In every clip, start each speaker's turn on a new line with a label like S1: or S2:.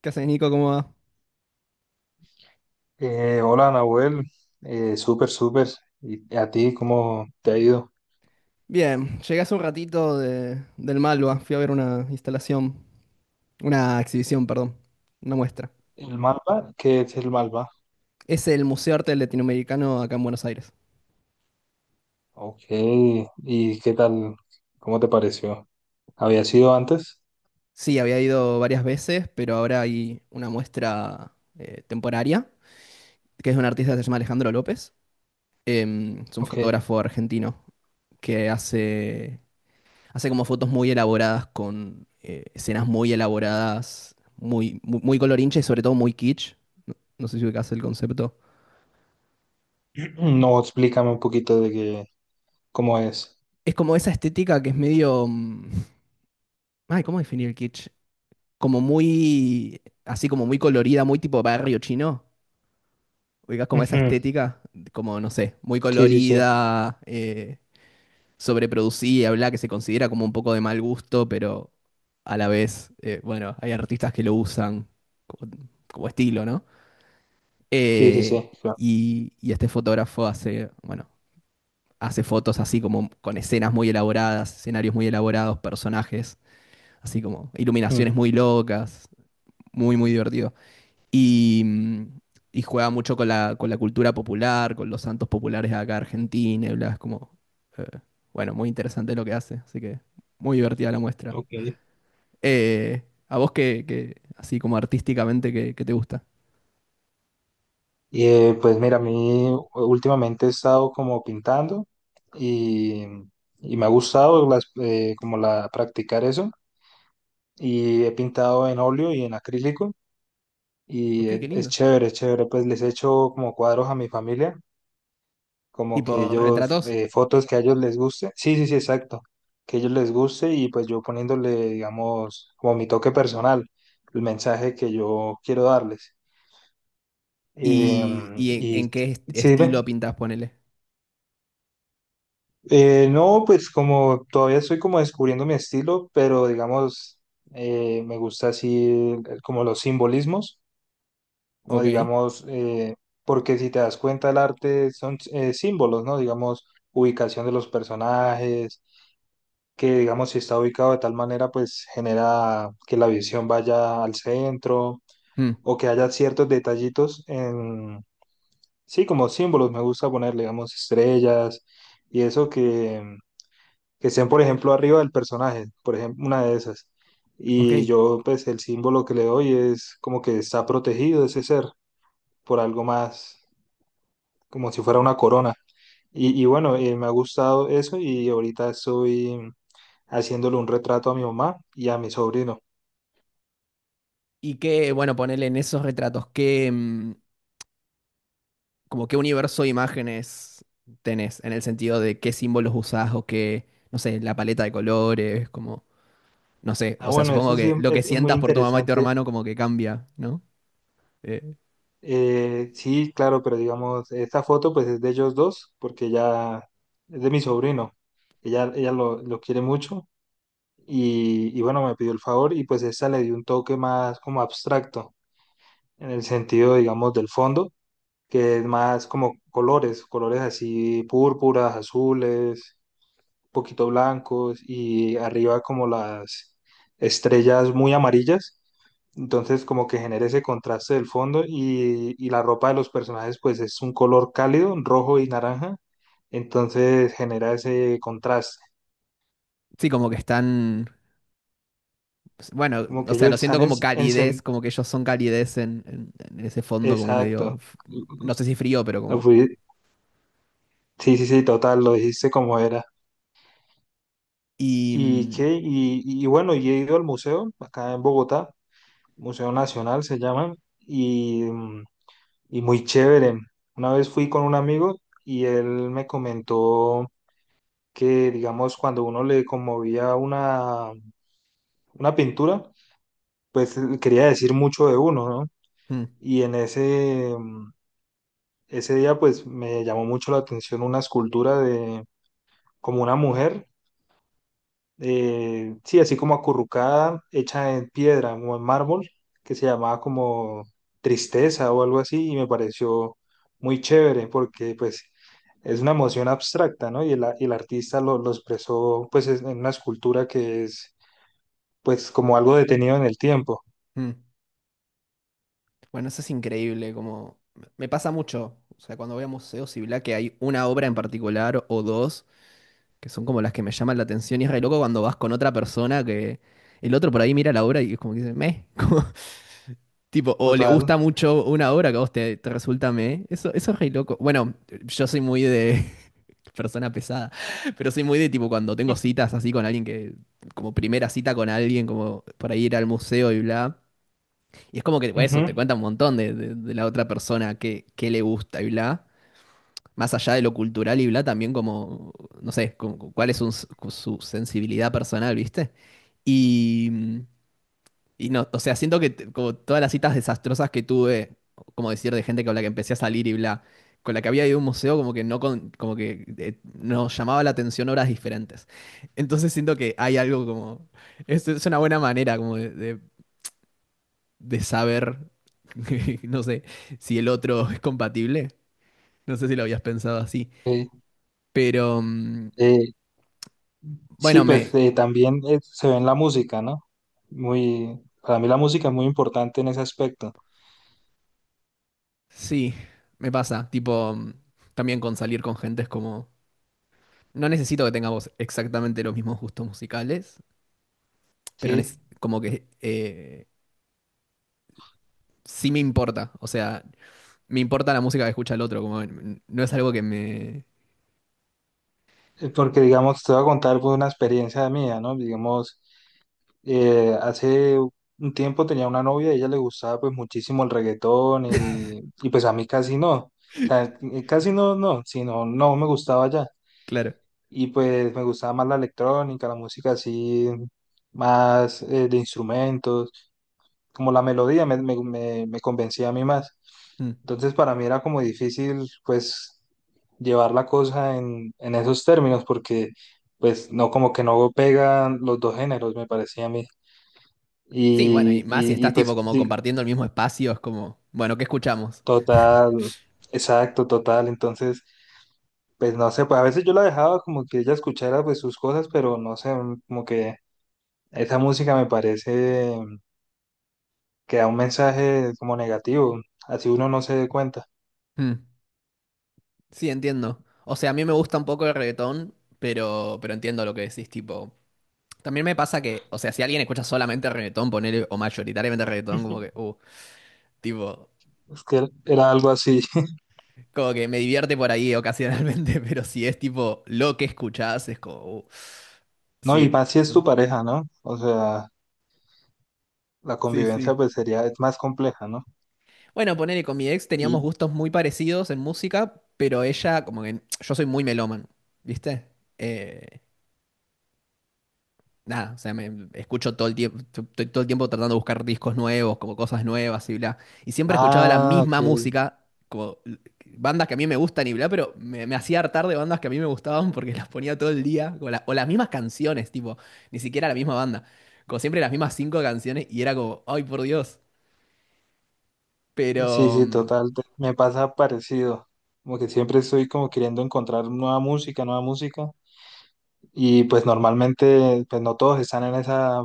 S1: ¿Qué haces, Nico? ¿Cómo va?
S2: Hola, Nahuel. Súper, súper. ¿Y a ti cómo te ha ido?
S1: Bien, llegué hace un ratito del Malva. Fui a ver una instalación, una exhibición, perdón, una muestra.
S2: ¿El Malva? ¿Qué es el Malva?
S1: Es el Museo de Arte Latinoamericano acá en Buenos Aires.
S2: Ok. ¿Y qué tal? ¿Cómo te pareció? ¿Había sido antes?
S1: Sí, había ido varias veces, pero ahora hay una muestra temporaria, que es de un artista que se llama Alejandro López. Es un
S2: Ok.
S1: fotógrafo argentino que hace como fotos muy elaboradas con escenas muy elaboradas, muy, muy, muy colorincha y sobre todo muy kitsch. No, no sé si ubicás el concepto.
S2: No, explícame un poquito de qué, cómo es.
S1: Es como esa estética que es medio. Ay, ¿cómo definir el kitsch? Como muy. Así como muy colorida, muy tipo barrio chino. Oigas como esa
S2: Ujú.
S1: estética, como no sé, muy
S2: Sí, sí, sí.
S1: colorida, sobreproducida, bla, que se considera como un poco de mal gusto, pero a la vez, bueno, hay artistas que lo usan como, como estilo, ¿no?
S2: Sí, sí,
S1: Eh,
S2: sí, claro.
S1: y este fotógrafo hace, bueno, hace fotos así como con escenas muy elaboradas, escenarios muy elaborados, personajes así como
S2: Mm,
S1: iluminaciones muy locas, muy, muy divertido. Y, mm, y juega mucho con con la cultura popular, con los santos populares de acá de Argentina, y bla, es como, eh, bueno, muy interesante lo que hace, así que muy divertida la muestra.
S2: ok.
S1: ¿A vos así como artísticamente, qué, qué te gusta?
S2: Y pues mira, a mí últimamente he estado como pintando y, y me ha gustado como la, practicar eso. Y he pintado en óleo y en acrílico y
S1: Ok, qué
S2: es
S1: lindo.
S2: chévere, es chévere, pues les he hecho como cuadros a mi familia, como que
S1: Tipo,
S2: ellos,
S1: retratos.
S2: fotos que a ellos les guste, sí, sí, sí, exacto, que a ellos les guste. Y pues yo poniéndole, digamos, como mi toque personal, el mensaje que yo quiero darles. Em,
S1: Y
S2: y
S1: en qué
S2: sí, ve,
S1: estilo pintas, ponele?
S2: no, pues como todavía estoy como descubriendo mi estilo, pero digamos, me gusta así como los simbolismos. Como
S1: Ok.
S2: digamos, porque si te das cuenta, el arte son símbolos, ¿no? Digamos, ubicación de los personajes, que digamos, si está ubicado de tal manera, pues genera que la visión vaya al centro
S1: Mm,
S2: o que haya ciertos detallitos en, sí, como símbolos, me gusta poner, digamos, estrellas y eso que estén, por ejemplo, arriba del personaje, por ejemplo, una de esas.
S1: ok.
S2: Y yo, pues, el símbolo que le doy es como que está protegido ese ser por algo más, como si fuera una corona. Y bueno, me ha gustado eso y ahorita estoy haciéndole un retrato a mi mamá y a mi sobrino.
S1: Y qué, bueno, ponele en esos retratos, ¿qué, como qué universo de imágenes tenés, en el sentido de qué símbolos usás o qué, no sé, la paleta de colores, como, no sé,
S2: Ah,
S1: o sea,
S2: bueno,
S1: supongo
S2: eso sí
S1: que lo que
S2: es muy
S1: sientas por tu mamá y tu
S2: interesante.
S1: hermano como que cambia, ¿no? Eh,
S2: Sí, claro, pero digamos, esta foto pues es de ellos dos porque ya es de mi sobrino. Ella lo quiere mucho y bueno, me pidió el favor y pues esta le dio un toque más como abstracto en el sentido, digamos, del fondo, que es más como colores, colores así púrpuras, azules, poquito blancos, y arriba como las estrellas muy amarillas. Entonces como que genera ese contraste del fondo y la ropa de los personajes pues es un color cálido, rojo y naranja. Entonces genera ese contraste.
S1: sí, como que están, bueno,
S2: Como
S1: o
S2: que
S1: sea,
S2: ellos
S1: lo siento
S2: están en...
S1: como
S2: en
S1: calidez, como que ellos son calidez en ese fondo como medio,
S2: exacto.
S1: no sé si frío, pero como...
S2: Fui- Sí, sí, sí, total, lo dijiste como era.
S1: Y...
S2: ¿Y
S1: mm,
S2: qué? Y bueno, y he ido al museo, acá en Bogotá, Museo Nacional se llama, y, mm, y muy chévere. Una vez fui con un amigo y él me comentó que, digamos, cuando uno le conmovía una pintura, pues quería decir mucho de uno, ¿no?
S1: mm,
S2: Y en ese, ese día, pues me llamó mucho la atención una escultura de como una mujer, sí, así como acurrucada, hecha en piedra o en mármol, que se llamaba como Tristeza o algo así, y me pareció muy chévere porque pues es una emoción abstracta, ¿no? Y el artista lo expresó pues en una escultura que es pues como algo detenido en el tiempo,
S1: mm. Bueno, eso es increíble, como... Me pasa mucho, o sea, cuando voy a museos y bla, que hay una obra en particular o dos que son como las que me llaman la atención y es re loco cuando vas con otra persona que el otro por ahí mira la obra y es como que dice, meh, como, tipo, o le
S2: total.
S1: gusta mucho una obra que a vos te resulta meh, eso es re loco. Bueno, yo soy muy de persona pesada, pero soy muy de tipo cuando tengo citas así con alguien que, como primera cita con alguien, como por ahí ir al museo y bla. Y es como que, bueno,
S2: Ujú.
S1: eso, te cuenta un montón de, de la otra persona que le gusta y bla más allá de lo cultural y bla, también como, no sé, ¿cuál es su sensibilidad personal, viste? Y, y no, o sea, siento que como todas las citas desastrosas que tuve, como decir, de gente con la que empecé a salir y bla, con la que había ido a un museo, como que no como que nos llamaba la atención horas diferentes. Entonces siento que hay algo como, es una buena manera como de, de saber, no sé, si el otro es compatible. No sé si lo habías pensado así.
S2: Eh,
S1: Pero,
S2: eh, sí,
S1: bueno,
S2: pues
S1: me.
S2: también se ve en la música, ¿no? Muy, para mí la música es muy importante en ese aspecto,
S1: Sí, me pasa. Tipo, también con salir con gente es como. No necesito que tengamos exactamente los mismos gustos musicales, pero
S2: ¿sí?
S1: como que sí me importa. O sea, me importa la música que escucha el otro. Como, no es algo que me.
S2: Porque, digamos, te voy a contar pues una experiencia mía, ¿no? Digamos, hace un tiempo tenía una novia, a ella le gustaba pues muchísimo el reggaetón y pues a mí casi no. O sea, casi no, no, sino no me gustaba ya.
S1: Claro.
S2: Y pues me gustaba más la electrónica, la música así, más de instrumentos, como la melodía me, me, me convencía a mí más.
S1: Mm.
S2: Entonces para mí era como difícil pues llevar la cosa en esos términos, porque pues no, como que no pegan los dos géneros me parecía a mí.
S1: Sí, bueno, y más si
S2: Y, y
S1: estás tipo
S2: pues
S1: como compartiendo el mismo espacio, es como, bueno, ¿qué escuchamos?
S2: total, exacto, total. Entonces pues no sé, pues a veces yo la dejaba como que ella escuchara pues sus cosas, pero no sé, como que esa música me parece que da un mensaje como negativo, así uno no se dé cuenta.
S1: Mm. Sí, entiendo. O sea, a mí me gusta un poco el reggaetón, pero entiendo lo que decís, tipo. También me pasa que, o sea, si alguien escucha solamente reggaetón, ponele, o mayoritariamente reggaetón, como que, tipo,
S2: Es que era algo así,
S1: como que me divierte por ahí ocasionalmente, pero si es tipo lo que escuchás, es como,
S2: ¿no? Y
S1: sí.
S2: más si es tu pareja, ¿no? O sea, la
S1: Sí,
S2: convivencia
S1: sí.
S2: pues sería, es más compleja, ¿no?
S1: Bueno, ponele, con mi ex teníamos
S2: Y,
S1: gustos muy parecidos en música, pero ella, como que, yo soy muy melómano, ¿viste? Eh, nada, o sea, me escucho todo el tiempo, estoy todo el tiempo tratando de buscar discos nuevos, como cosas nuevas y bla. Y siempre escuchaba la
S2: ah,
S1: misma
S2: ok.
S1: música, como bandas que a mí me gustan y bla, pero me hacía hartar de bandas que a mí me gustaban porque las ponía todo el día, como o las mismas canciones, tipo, ni siquiera la misma banda. Como siempre las mismas cinco canciones y era como, ay, por Dios.
S2: Sí,
S1: Pero,
S2: sí, total. Me pasa parecido. Como que siempre estoy como queriendo encontrar nueva música, nueva música. Y pues normalmente, pues no todos están en esa,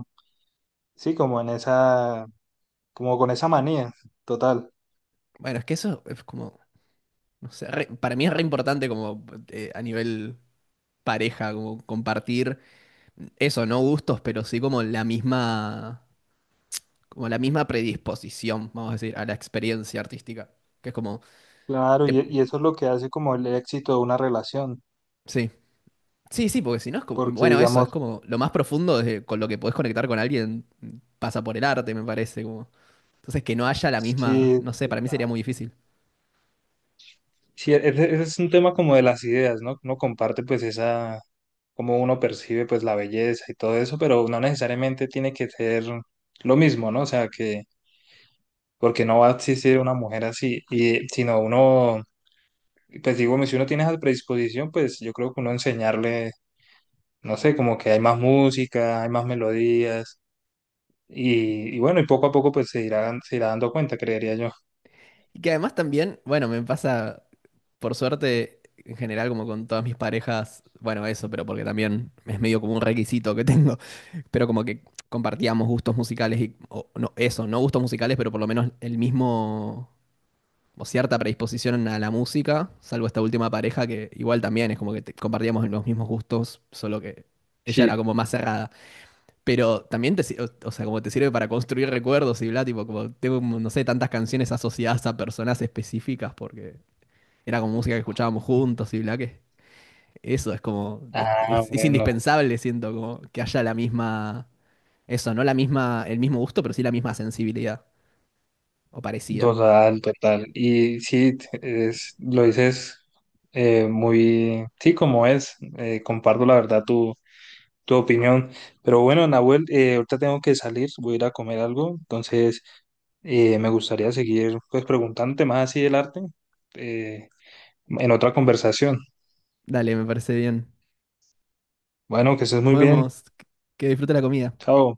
S2: sí, como en esa, como con esa manía, total.
S1: bueno, es que eso es como, no sé, para mí es re importante como a nivel pareja, como compartir eso, no gustos, pero sí como la misma predisposición, vamos a decir, a la experiencia artística. Que es como,
S2: Claro,
S1: te-
S2: y eso es lo que hace como el éxito de una relación.
S1: sí, sí, sí, porque si no es como,
S2: Porque
S1: bueno, eso es
S2: digamos,
S1: como lo más profundo con lo que podés conectar con alguien pasa por el arte, me parece. Como. Entonces, que no haya la misma,
S2: sí,
S1: no sé, para mí sería muy difícil.
S2: sí, ese es un tema como de las ideas, ¿no? Uno comparte pues esa, cómo uno percibe pues la belleza y todo eso, pero no necesariamente tiene que ser lo mismo, ¿no? O sea, que, porque no va a existir una mujer así, y, sino uno, pues digo, si uno tiene esa predisposición, pues yo creo que uno enseñarle, no sé, como que hay más música, hay más melodías, y bueno, y poco a poco pues se irá dando cuenta, creería yo.
S1: Y que además también, bueno, me pasa, por suerte, en general, como con todas mis parejas, bueno, eso, pero porque también es medio como un requisito que tengo, pero como que compartíamos gustos musicales y, o no, eso, no gustos musicales, pero por lo menos el mismo como cierta predisposición a la música, salvo esta última pareja que igual también es como que compartíamos los mismos gustos, solo que ella era
S2: Sí.
S1: como más cerrada. Pero también te, o sea, como te sirve para construir recuerdos y bla, tipo, como tengo, no sé, tantas canciones asociadas a personas específicas porque era como música que escuchábamos juntos y bla, que eso es como, es,
S2: Ah,
S1: es
S2: bueno.
S1: indispensable, siento, como que haya la misma, eso, no la misma, el mismo gusto, pero sí la misma sensibilidad o parecida.
S2: Total, total. Y sí, es, lo dices muy, sí, como es. Comparto la verdad tu, tu opinión. Pero bueno, Nahuel, ahorita tengo que salir, voy a ir a comer algo. Entonces, me gustaría seguir pues preguntándote más así del arte eh, en otra conversación.
S1: Dale, me parece bien.
S2: Bueno, que estés
S1: Nos
S2: muy bien.
S1: vemos. Que disfrute la comida.
S2: Chao.